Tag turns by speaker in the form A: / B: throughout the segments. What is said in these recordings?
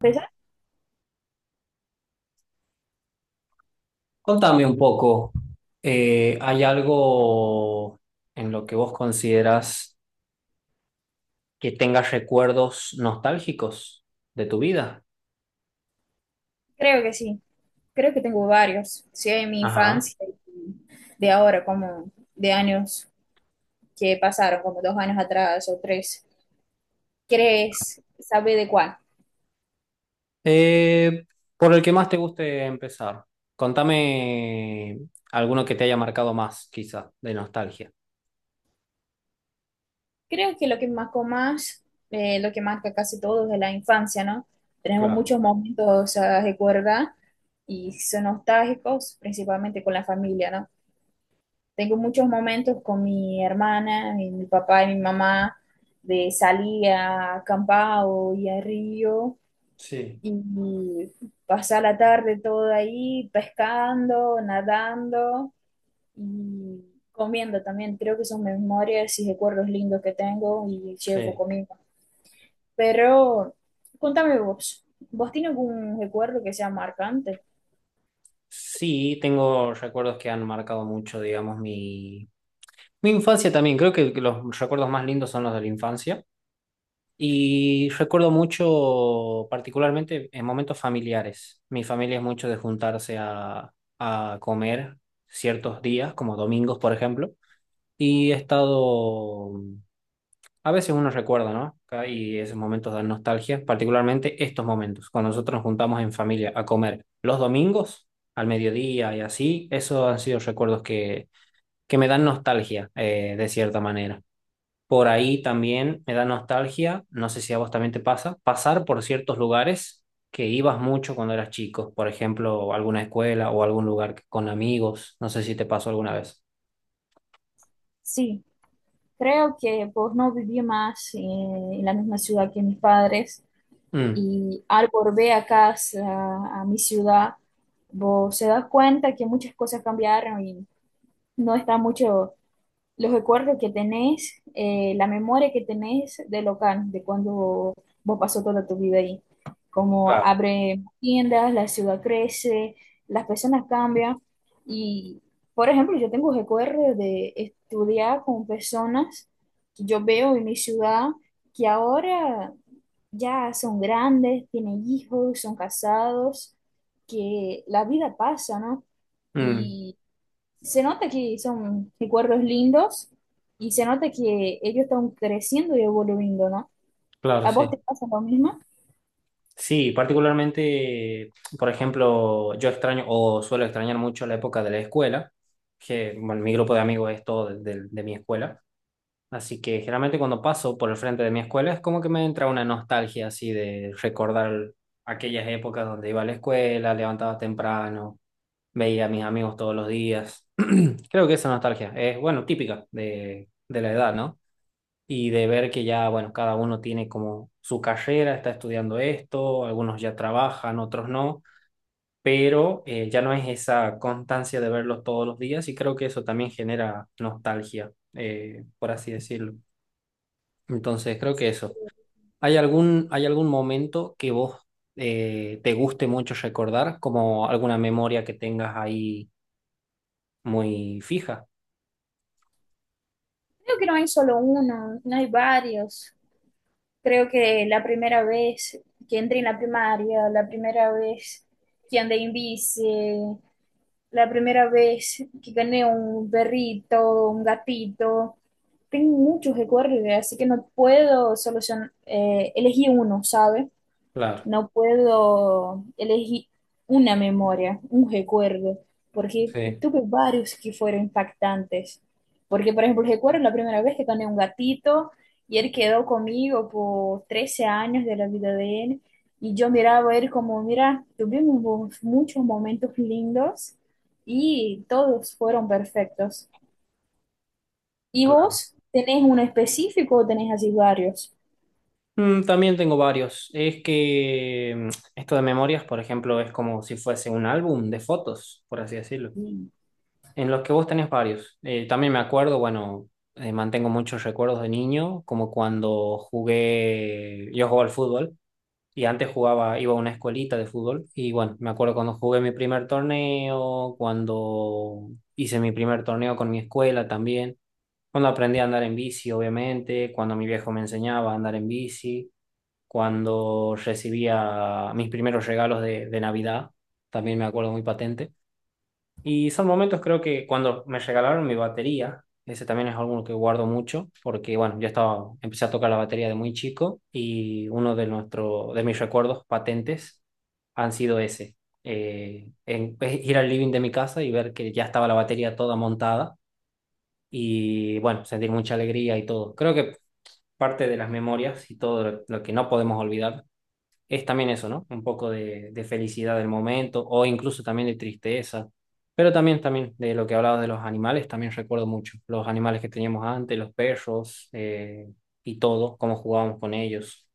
A: ¿Pesas?
B: Contame un poco, ¿hay algo en lo que vos consideras que tengas recuerdos nostálgicos de tu vida?
A: Creo que sí. Creo que tengo varios. Sí, de mi
B: Ajá.
A: infancia y de ahora, como de años que pasaron, como 2 años atrás o 3. ¿Crees sabe de cuál?
B: Eh, por el que más te guste empezar. Contame alguno que te haya marcado más, quizá, de nostalgia.
A: Creo que lo que marcó más, lo que marca casi todo de la infancia, ¿no? Tenemos
B: Claro,
A: muchos momentos a recordar y son nostálgicos, principalmente con la familia, ¿no? Tengo muchos momentos con mi hermana, y mi papá y mi mamá, de salir a acampar o ir al río
B: sí,
A: y pasar la tarde todo ahí pescando, nadando y comiendo también. Creo que son memorias y recuerdos lindos que tengo y llevo
B: sí.
A: conmigo. Pero contame vos, ¿vos tienes algún recuerdo que sea marcante?
B: Sí, tengo recuerdos que han marcado mucho, digamos, mi infancia también. Creo que los recuerdos más lindos son los de la infancia. Y recuerdo mucho, particularmente en momentos familiares. Mi familia es mucho de juntarse a comer ciertos días, como domingos, por ejemplo. Y he estado, a veces uno recuerda, ¿no? Acá. Y esos momentos de nostalgia, particularmente estos momentos, cuando nosotros nos juntamos en familia a comer los domingos, al mediodía y así, esos han sido recuerdos que me dan nostalgia, de cierta manera. Por ahí también me da nostalgia, no sé si a vos también te pasa, pasar por ciertos lugares que ibas mucho cuando eras chico, por ejemplo, alguna escuela o algún con amigos, no sé si te pasó alguna vez.
A: Sí, creo que pues no viví más en la misma ciudad que mis padres
B: Mm.
A: y al volver a casa, a mi ciudad, vos se das cuenta que muchas cosas cambiaron y no está mucho los recuerdos que tenés, la memoria que tenés de local, de cuando vos pasó toda tu vida ahí. Como
B: Claro.
A: abre tiendas, la ciudad crece, las personas cambian. Y, por ejemplo, yo tengo recuerdos de estudiar con personas que yo veo en mi ciudad que ahora ya son grandes, tienen hijos, son casados, que la vida pasa, ¿no?
B: Mm,
A: Y se nota que son recuerdos lindos y se nota que ellos están creciendo y evolucionando, ¿no?
B: claro,
A: ¿A vos
B: sí.
A: te pasa lo mismo?
B: Sí, particularmente, por ejemplo, yo extraño o suelo extrañar mucho la época de la escuela, que bueno, mi grupo de amigos es todo de mi escuela. Así que generalmente cuando paso por el frente de mi escuela es como que me entra una nostalgia así de recordar aquellas épocas donde iba a la escuela, levantaba temprano, veía a mis amigos todos los días. Creo que esa nostalgia es, bueno, típica de la edad, ¿no? Y de ver que ya, bueno, cada uno tiene como su carrera, está estudiando esto, algunos ya trabajan, otros no, pero ya no es esa constancia de verlos todos los días y creo que eso también genera nostalgia, por así decirlo. Entonces, creo que eso. ¿Hay algún momento que vos te guste mucho recordar, como alguna memoria que tengas ahí muy fija?
A: Creo que no hay solo uno, no hay varios. Creo que la primera vez que entré en la primaria, la primera vez que andé en bici, la primera vez que gané un perrito, un gatito. Tengo muchos recuerdos, así que no puedo solucionar, elegir uno, ¿sabes?
B: Claro,
A: No puedo elegir una memoria, un recuerdo, porque
B: sí.
A: tuve varios que fueron impactantes. Porque, por ejemplo, recuerdo la primera vez que gané un gatito y él quedó conmigo por 13 años de la vida de él. Y yo miraba a él como, mira, tuvimos muchos momentos lindos y todos fueron perfectos. ¿Y
B: Claro.
A: vos tenés uno específico o tenés así varios?
B: Mm, también tengo varios. Es que mm, esto de memorias, por ejemplo, es como si fuese un álbum de fotos, por así decirlo,
A: Sí,
B: en los que vos tenés varios. También me acuerdo, bueno, mantengo muchos recuerdos de niño, como cuando jugué, yo jugaba al fútbol. Y antes jugaba, iba a una escuelita de fútbol. Y bueno, me acuerdo cuando jugué mi primer torneo, cuando hice mi primer torneo con mi escuela también, cuando aprendí a andar en bici, obviamente, cuando mi viejo me enseñaba a andar en bici, cuando recibía mis primeros regalos de Navidad, también me acuerdo muy patente. Y son momentos, creo que cuando me regalaron mi batería, ese también es algo que guardo mucho, porque bueno, empecé a tocar la batería de muy chico y de mis recuerdos patentes han sido ese. Es ir al living de mi casa y ver que ya estaba la batería toda montada y bueno, sentir mucha alegría y todo. Creo que parte de las memorias y todo lo que no podemos olvidar es también eso, ¿no? Un poco de felicidad del momento o incluso también de tristeza. Pero también, también de lo que hablabas de los animales, también recuerdo mucho los animales que teníamos antes, los perros y todo, cómo jugábamos con ellos.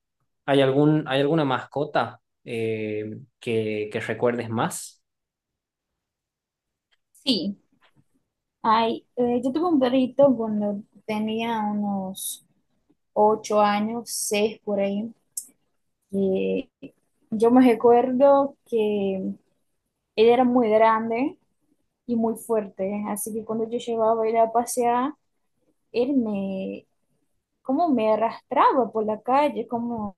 B: ¿Hay alguna mascota que recuerdes más?
A: sí. Ay, yo tuve un perrito cuando tenía unos 8 años, 6 por ahí. Y yo me recuerdo que él era muy grande y muy fuerte, así que cuando yo llevaba a ir a pasear, él me, como me arrastraba por la calle, como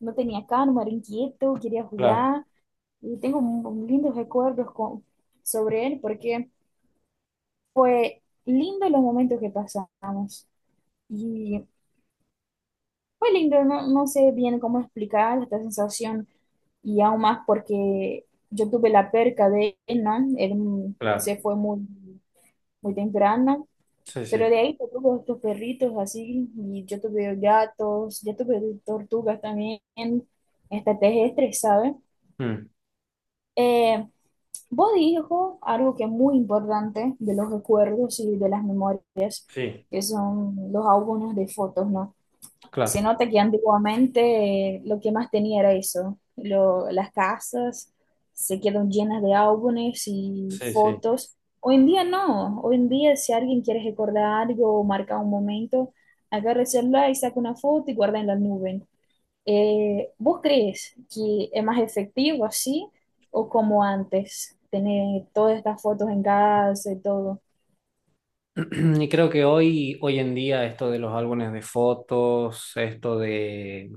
A: no tenía calma, era inquieto, quería
B: Claro,
A: jugar. Y tengo lindos recuerdos sobre él porque fue lindo los momentos que pasamos. Fue lindo, no, no sé bien cómo explicar esta sensación y aún más porque yo tuve la perca de él, ¿no? Él
B: claro.
A: se fue muy, muy temprano,
B: Sí,
A: pero
B: sí.
A: de ahí yo tuve otros perritos así y yo tuve gatos, yo tuve tortugas también, hasta terrestres, ¿sabes?
B: Mm.
A: Eh, vos dijo algo que es muy importante de los recuerdos y de las memorias,
B: Sí,
A: que son los álbumes de fotos, ¿no? Se
B: claro.
A: nota que antiguamente lo que más tenía era eso. Las casas se quedan llenas de álbumes y
B: Sí, sí.
A: fotos. Hoy en día no. Hoy en día si alguien quiere recordar algo o marcar un momento, agarra el celular y saca una foto y guarda en la nube. ¿Vos crees que es más efectivo así o como antes? Tener todas estas fotos en casa y todo.
B: Y creo que hoy, hoy en día esto de los álbumes de fotos, esto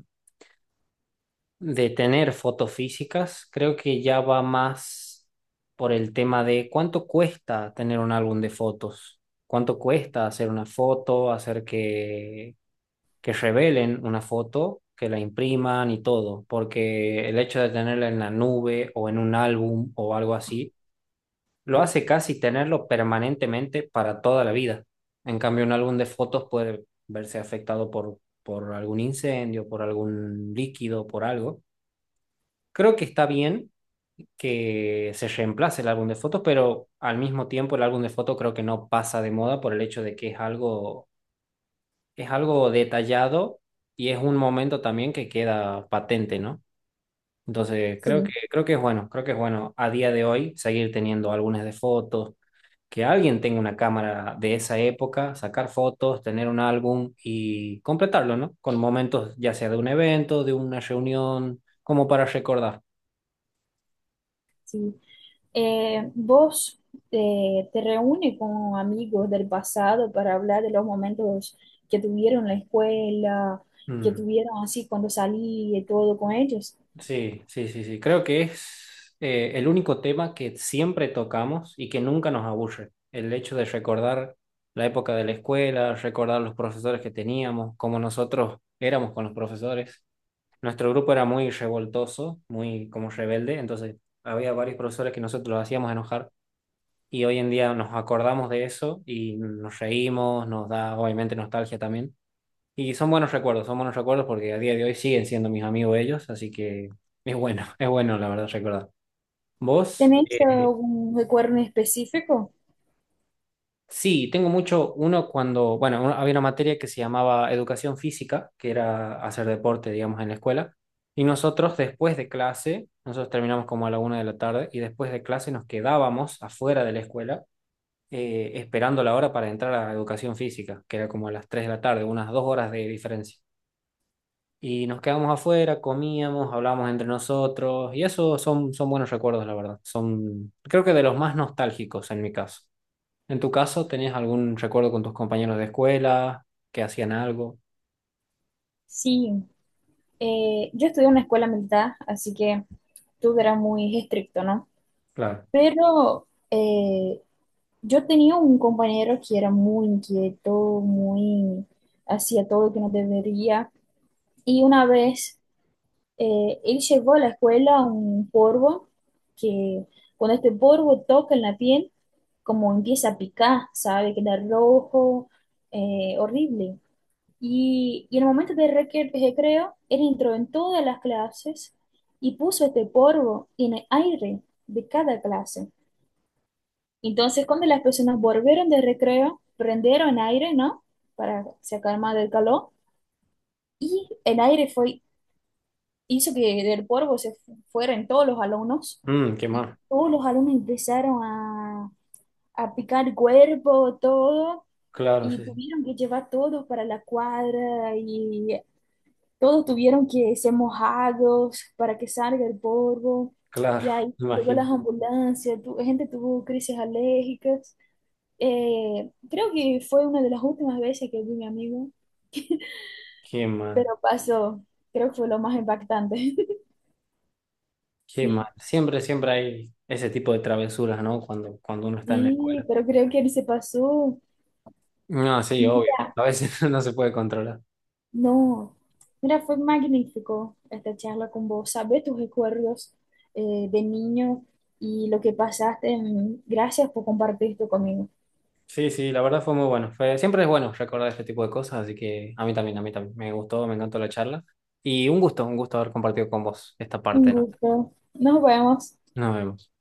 B: de tener fotos físicas, creo que ya va más por el tema de cuánto cuesta tener un álbum de fotos, cuánto cuesta hacer una foto, hacer que revelen una foto, que la impriman y todo, porque el hecho de tenerla en la nube o en un álbum o algo así, lo hace casi tenerlo permanentemente para toda la vida. En cambio, un álbum de fotos puede verse afectado por algún incendio, por algún líquido, por algo. Creo que está bien que se reemplace el álbum de fotos, pero al mismo tiempo el álbum de fotos creo que no pasa de moda por el hecho de que es algo detallado y es un momento también que queda patente, ¿no? Entonces,
A: Sí,
B: creo que es bueno, creo que es bueno a día de hoy seguir teniendo álbumes de fotos, que alguien tenga una cámara de esa época, sacar fotos, tener un álbum y completarlo, ¿no? Con momentos ya sea de un evento, de una reunión, como para recordar.
A: sí. ¿Vos te reúnes con amigos del pasado para hablar de los momentos que tuvieron en la escuela, que
B: Mm.
A: tuvieron así cuando salí y todo con ellos?
B: Sí, sí, sí, sí. Creo que es el único tema que siempre tocamos y que nunca nos aburre. El hecho de recordar la época de la escuela, recordar los profesores que teníamos, cómo nosotros éramos con los profesores. Nuestro grupo era muy revoltoso, muy como rebelde, entonces había varios profesores que nosotros los hacíamos enojar y hoy en día nos acordamos de eso y nos reímos, nos da obviamente nostalgia también y son buenos recuerdos porque a día de hoy siguen siendo mis amigos ellos, así que es bueno, es bueno la verdad recordar. ¿Vos?
A: ¿Tenéis algún recuerdo en específico?
B: Sí, tengo mucho, uno cuando, bueno, había una materia que se llamaba educación física, que era hacer deporte, digamos, en la escuela, y nosotros después de clase, nosotros terminamos como a la 1 de la tarde, y después de clase nos quedábamos afuera de la escuela esperando la hora para entrar a educación física, que era como a las 3 de la tarde, unas 2 horas de diferencia. Y nos quedábamos afuera, comíamos, hablábamos entre nosotros y eso son, son buenos recuerdos, la verdad. Son, creo que de los más nostálgicos en mi caso. En tu caso, ¿tenías algún recuerdo con tus compañeros de escuela que hacían algo?
A: Sí, yo estudié en una escuela militar, así que todo era muy estricto, ¿no?
B: Claro.
A: Pero yo tenía un compañero que era muy inquieto, muy hacía todo que no debería. Y una vez, él llevó a la escuela un polvo que cuando este polvo toca en la piel, como empieza a picar, ¿sabe? Queda rojo, horrible. Y en el momento de recreo, él entró en todas las clases y puso este polvo en el aire de cada clase. Entonces, cuando las personas volvieron de recreo, prendieron aire, ¿no? Para sacar más del calor. Y el aire fue hizo que del polvo se fueran todos los alumnos.
B: Mm, qué
A: Y
B: mal.
A: todos los alumnos empezaron a picar cuerpo, todo,
B: Claro,
A: y
B: sí, sí.
A: tuvieron que llevar todos para la cuadra y todos tuvieron que ser mojados para que salga el polvo.
B: Claro,
A: Y ahí
B: me
A: llegó
B: imagino.
A: las ambulancias, gente tuvo crisis alérgicas. Creo que fue una de las últimas veces que vi a mi amigo,
B: Qué mal,
A: pero pasó, creo que fue lo más impactante.
B: qué mal.
A: Sí.
B: Siempre, siempre hay ese tipo de travesuras, ¿no? Cuando uno está en la
A: Sí,
B: escuela.
A: pero creo que él se pasó.
B: No, sí, obvio.
A: Mira,
B: A veces no se puede controlar.
A: no. Mira, fue magnífico esta charla con vos. Sabés tus recuerdos de niño y lo que pasaste. Gracias por compartir esto conmigo.
B: Sí, sí, la verdad fue muy bueno. Siempre es bueno recordar este tipo de cosas, así que a mí también, a mí también. Me gustó, me encantó la charla. Y un gusto haber compartido con vos esta
A: Un
B: parte, ¿no?
A: gusto. Nos vemos.
B: Nos vemos.